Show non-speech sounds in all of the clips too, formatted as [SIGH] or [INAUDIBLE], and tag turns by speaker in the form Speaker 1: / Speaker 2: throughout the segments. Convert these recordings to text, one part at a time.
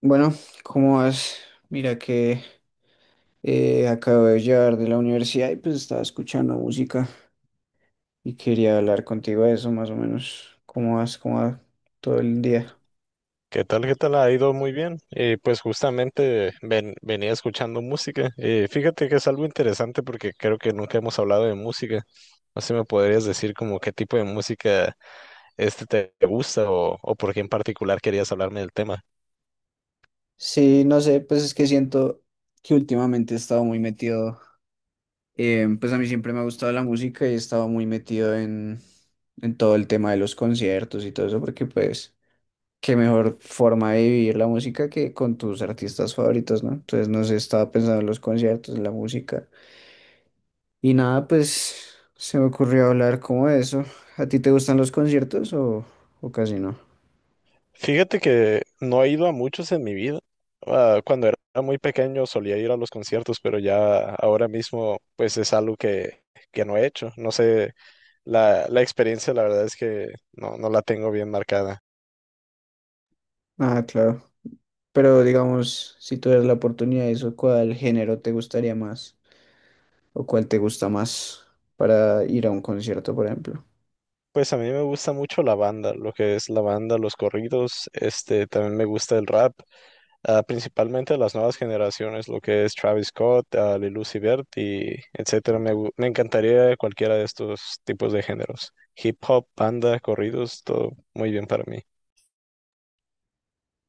Speaker 1: Bueno, ¿cómo vas? Mira que acabo de llegar de la universidad y pues estaba escuchando música y quería hablar contigo de eso más o menos. ¿Cómo vas? ¿Cómo va todo el día?
Speaker 2: ¿Qué tal? ¿Qué tal? Ha ido muy bien. Pues justamente venía escuchando música. Fíjate que es algo interesante porque creo que nunca hemos hablado de música. No sé, ¿me podrías decir como qué tipo de música este te gusta o por qué en particular querías hablarme del tema?
Speaker 1: Sí, no sé, pues es que siento que últimamente he estado muy metido, pues a mí siempre me ha gustado la música y he estado muy metido en todo el tema de los conciertos y todo eso porque pues qué mejor forma de vivir la música que con tus artistas favoritos, ¿no? Entonces no sé, estaba pensando en los conciertos, en la música. Y nada, pues se me ocurrió hablar como de eso. ¿A ti te gustan los conciertos o casi no?
Speaker 2: Fíjate que no he ido a muchos en mi vida. Ah, cuando era muy pequeño solía ir a los conciertos, pero ya ahora mismo pues es algo que no he hecho. No sé, la experiencia la verdad es que no la tengo bien marcada.
Speaker 1: Ah, claro. Pero digamos, si tuvieras la oportunidad de eso, ¿cuál género te gustaría más? ¿O cuál te gusta más para ir a un concierto, por ejemplo?
Speaker 2: Pues a mí me gusta mucho la banda, lo que es la banda, los corridos, este, también me gusta el rap, ah, principalmente las nuevas generaciones, lo que es Travis Scott, ah, Lil Uzi Vert y etcétera. Me encantaría cualquiera de estos tipos de géneros. Hip hop, banda, corridos, todo muy bien para mí.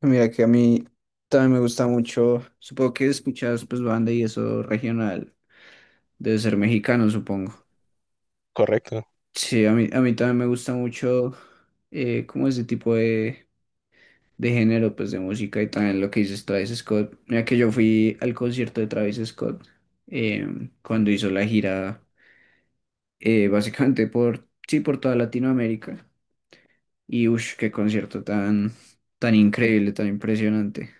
Speaker 1: Mira que a mí también me gusta mucho, supongo que escuchas pues banda y eso regional, debe ser mexicano, supongo.
Speaker 2: Correcto.
Speaker 1: Sí, a mí también me gusta mucho como ese tipo de género, pues de música, y también lo que dices Travis Scott. Mira que yo fui al concierto de Travis Scott cuando hizo la gira, básicamente por, sí, por toda Latinoamérica. Y uff, qué concierto tan, tan increíble, tan impresionante.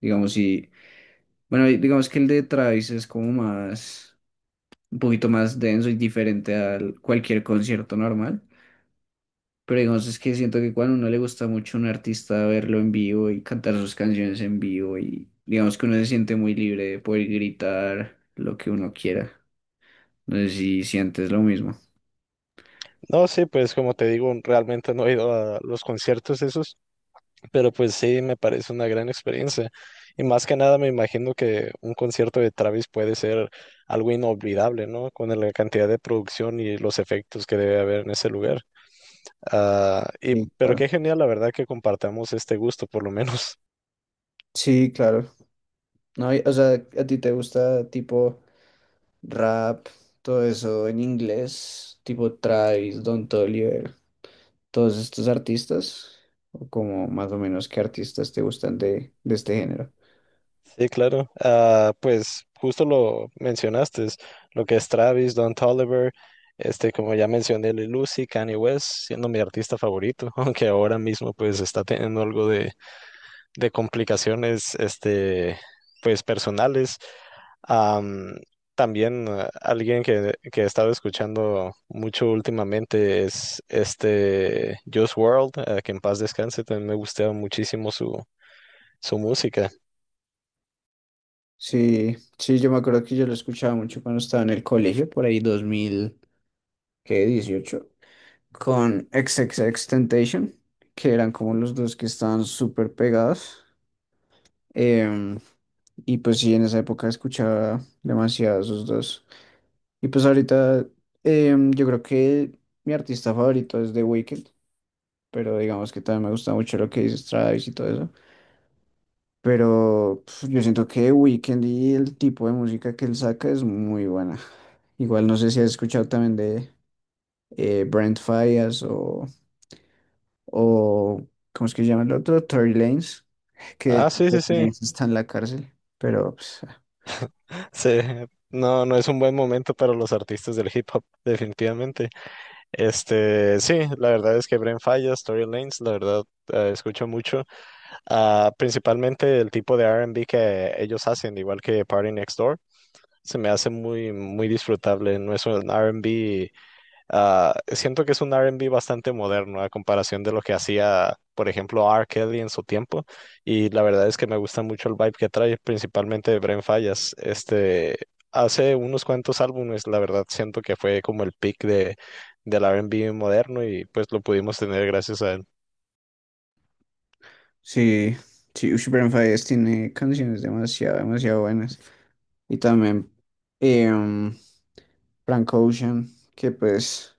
Speaker 1: Digamos, y bueno, y digamos que el de Travis es como más, un poquito más denso y diferente al cualquier concierto normal. Pero digamos, es que siento que cuando a uno le gusta mucho a un artista, verlo en vivo y cantar sus canciones en vivo, y digamos que uno se siente muy libre de poder gritar lo que uno quiera. No sé si sientes lo mismo.
Speaker 2: No, sí, pues como te digo, realmente no he ido a los conciertos esos. Pero pues sí, me parece una gran experiencia. Y más que nada me imagino que un concierto de Travis puede ser algo inolvidable, ¿no? Con la cantidad de producción y los efectos que debe haber en ese lugar. Ah, y
Speaker 1: Sí,
Speaker 2: pero
Speaker 1: claro.
Speaker 2: qué genial, la verdad, que compartamos este gusto, por lo menos. [LAUGHS]
Speaker 1: Sí, claro. No, o sea, ¿a ti te gusta tipo rap, todo eso en inglés, tipo Travis, Don Toliver, todos estos artistas? ¿O como más o menos qué artistas te gustan de este género?
Speaker 2: Sí, claro. Ah, pues justo lo mencionaste, es lo que es Travis, Don Toliver, este, como ya mencioné, Lil Uzi, Kanye West, siendo mi artista favorito, [LAUGHS] aunque ahora mismo pues está teniendo algo de complicaciones, este, pues personales. Am, También, alguien que he estado escuchando mucho últimamente es este Juice World, que en paz descanse, también me gustaba muchísimo su música.
Speaker 1: Sí, sí, yo me acuerdo que yo lo escuchaba mucho cuando estaba en el colegio, por ahí dos mil dieciocho, con XXXTentacion, que eran como los dos que estaban súper pegados. em, y pues sí, en esa época escuchaba demasiado esos dos. Y pues ahorita yo creo que mi artista favorito es The Weeknd, pero digamos que también me gusta mucho lo que dice Travis y todo eso. Pero pf, yo siento que Weekend y el tipo de música que él saca es muy buena. Igual no sé si has escuchado también de Brent Faiyaz o ¿cómo es que se llama el otro? Tory Lanez, que de
Speaker 2: Ah,
Speaker 1: hecho
Speaker 2: sí, sí,
Speaker 1: Tory
Speaker 2: sí.
Speaker 1: Lanez está en la cárcel. Pero pues, ah,
Speaker 2: Sí, no, no es un buen momento para los artistas del hip hop, definitivamente. Este, sí, la verdad es que Bren Falla, Story Lanes, la verdad, escucho mucho. Ah, principalmente el tipo de R&B que ellos hacen, igual que Party Next Door, se me hace muy, muy disfrutable. No es un R&B, ah, siento que es un R&B bastante moderno a comparación de lo que hacía, por ejemplo, R. Kelly en su tiempo. Y la verdad es que me gusta mucho el vibe que trae, principalmente Bren Fallas. Este, hace unos cuantos álbumes, la verdad, siento que fue como el peak de, del R&B moderno y pues lo pudimos tener gracias a él.
Speaker 1: sí, sí, ush, Brent Faiyaz tiene canciones demasiado, demasiado buenas. Y también em, Frank Ocean, que pues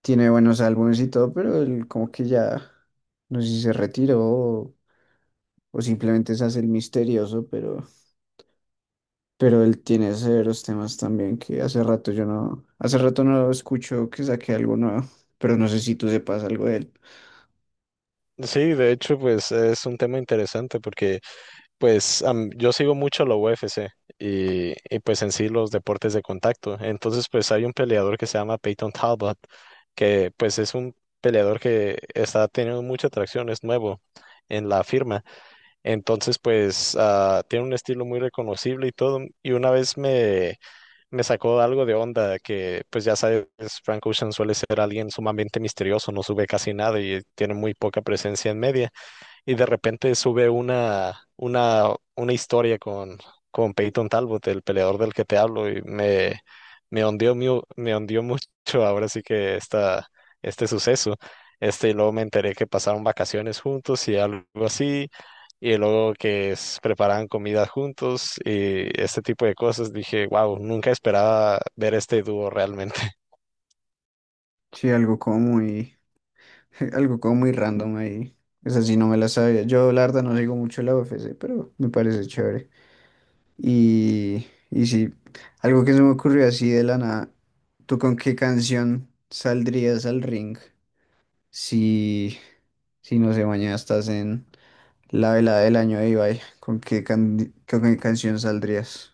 Speaker 1: tiene buenos álbumes y todo, pero él como que ya, no sé si se retiró, o simplemente se hace el misterioso, pero él tiene severos temas también, que hace rato yo no, hace rato no escucho que saque algo nuevo, pero no sé si tú sepas algo de él.
Speaker 2: Sí, de hecho, pues es un tema interesante porque, pues yo sigo mucho la UFC y pues en sí los deportes de contacto. Entonces pues hay un peleador que se llama Peyton Talbot, que pues es un peleador que está teniendo mucha atracción, es nuevo en la firma. Entonces pues ah, tiene un estilo muy reconocible y todo. Y una vez me sacó algo de onda que, pues ya sabes, Frank Ocean suele ser alguien sumamente misterioso, no sube casi nada y tiene muy poca presencia en media y de repente sube una historia con Peyton Talbot, el peleador del que te hablo, y me hundió, me hundió [LAUGHS] mucho, ahora sí que este suceso. Este, y luego me enteré que pasaron vacaciones juntos y algo así, y luego que preparaban comida juntos y este tipo de cosas. Dije, wow, nunca esperaba ver este dúo realmente.
Speaker 1: Sí, algo como muy, [LAUGHS] algo como muy random ahí. Esa sí no me la sabía. Yo, la verdad, no digo mucho la UFC, pero me parece chévere. Y sí, algo que se me ocurrió así de la nada. ¿Tú con qué canción saldrías al ring si, si no sé, mañana estás en la velada del año de Ibai, ¿con qué, can con qué canción saldrías?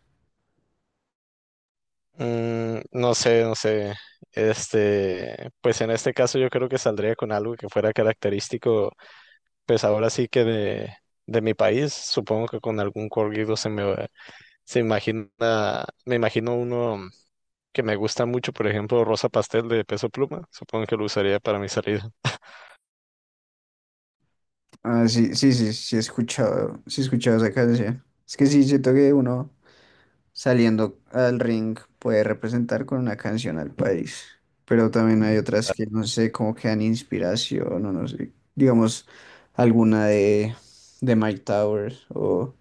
Speaker 2: No sé, no sé. Este, pues en este caso yo creo que saldría con algo que fuera característico, pues ahora sí que de mi país. Supongo que con algún corrido se imagina, me imagino uno que me gusta mucho, por ejemplo, Rosa Pastel de Peso Pluma. Supongo que lo usaría para mi salida.
Speaker 1: Ah, sí, sí, sí, sí he escuchado esa canción. Es que sí, siento que uno saliendo al ring puede representar con una canción al país, pero también hay otras que no sé, como que dan inspiración, o no sé, digamos alguna de Mike Towers o,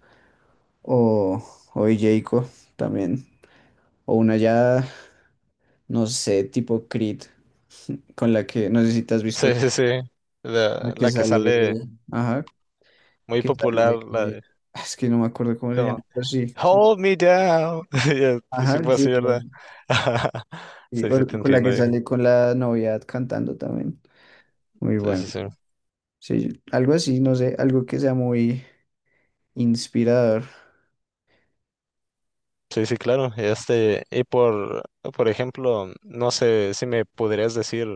Speaker 1: o, o de Jayco también, o una ya, no sé, tipo Creed, con la que, no sé si te has
Speaker 2: [LAUGHS] Sí,
Speaker 1: visto.
Speaker 2: sí, sí.
Speaker 1: La que
Speaker 2: La que
Speaker 1: sale,
Speaker 2: sale
Speaker 1: ajá,
Speaker 2: muy
Speaker 1: que
Speaker 2: popular,
Speaker 1: sale,
Speaker 2: la de
Speaker 1: es que no me acuerdo cómo se
Speaker 2: como
Speaker 1: llama, pero sí, sí.
Speaker 2: Hold Me Down. [LAUGHS] Y así
Speaker 1: Ajá,
Speaker 2: fue
Speaker 1: sí,
Speaker 2: así, ¿verdad?
Speaker 1: bueno,
Speaker 2: [LAUGHS]
Speaker 1: sí,
Speaker 2: Sí, sí, te
Speaker 1: con la
Speaker 2: entiendo,
Speaker 1: que
Speaker 2: viejo.
Speaker 1: sale con la novia cantando también. Muy
Speaker 2: Sí,
Speaker 1: bueno.
Speaker 2: sí, sí.
Speaker 1: Sí, algo así, no sé, algo que sea muy inspirador.
Speaker 2: Sí, sí, claro. Este, y por ejemplo, no sé si me podrías decir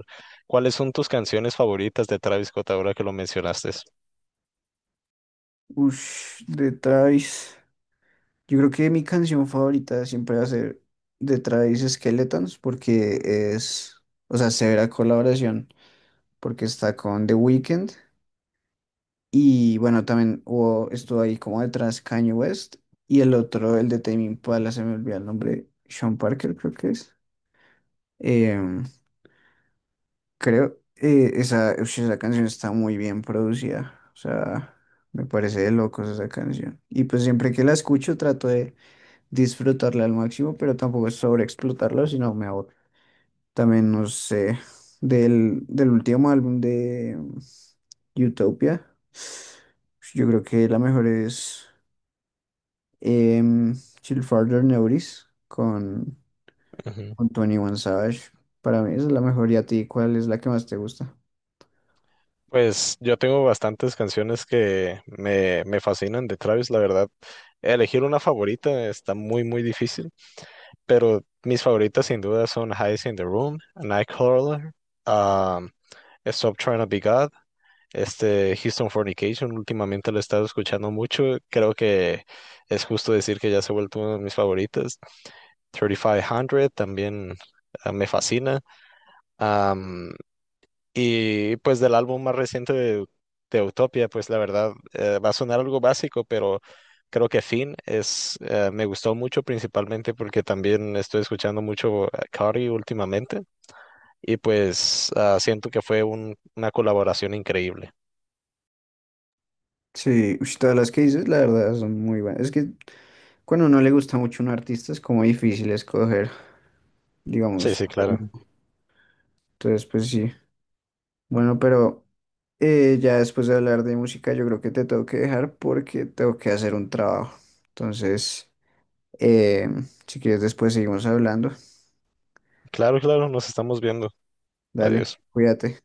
Speaker 2: cuáles son tus canciones favoritas de Travis Scott ahora que lo mencionaste.
Speaker 1: Ush, de Travis. Yo creo que mi canción favorita siempre va a ser de Travis, Skeletons, porque es, o sea, severa colaboración, porque está con The Weeknd. Y bueno, también hubo, estuvo ahí como detrás Kanye West. Y el otro, el de Tame Impala, se me olvidó el nombre, Sean Parker creo que es. Em, creo, esa, ush, esa canción está muy bien producida. O sea, me parece de locos esa canción. Y pues siempre que la escucho trato de disfrutarla al máximo, pero tampoco es sobreexplotarla, sino me aburro. También, no sé, del último álbum de Utopia, yo creo que la mejor es... Em, Chill Farther Notice
Speaker 2: Ujú.
Speaker 1: con 21 Savage. Para mí esa es la mejor. ¿Y a ti cuál es la que más te gusta?
Speaker 2: Pues yo tengo bastantes canciones que me fascinan de Travis, la verdad. Elegir una favorita está muy, muy difícil, pero mis favoritas sin duda son Highs in the Room, Nightcrawler, um, Stop Trying to Be God. Este, Houston Fornication últimamente lo he estado escuchando mucho. Creo que es justo decir que ya se ha vuelto uno de mis favoritos. Favoritas. 3500 también, ah, me fascina. Am, y pues del álbum más reciente de Utopia, pues la verdad, va a sonar algo básico, pero creo que Finn es, me gustó mucho principalmente porque también estoy escuchando mucho a Cardi últimamente, y pues ah, siento que fue una colaboración increíble.
Speaker 1: Sí, ush, todas las que dices, la verdad, son muy buenas. Es que cuando no le gusta mucho un artista es como difícil escoger,
Speaker 2: Sí,
Speaker 1: digamos.
Speaker 2: sí, claro.
Speaker 1: Entonces, pues sí. Bueno, pero ya después de hablar de música, yo creo que te tengo que dejar porque tengo que hacer un trabajo. Entonces, si quieres, después seguimos hablando.
Speaker 2: Claro, claro, nos estamos viendo.
Speaker 1: Dale,
Speaker 2: Adiós.
Speaker 1: cuídate.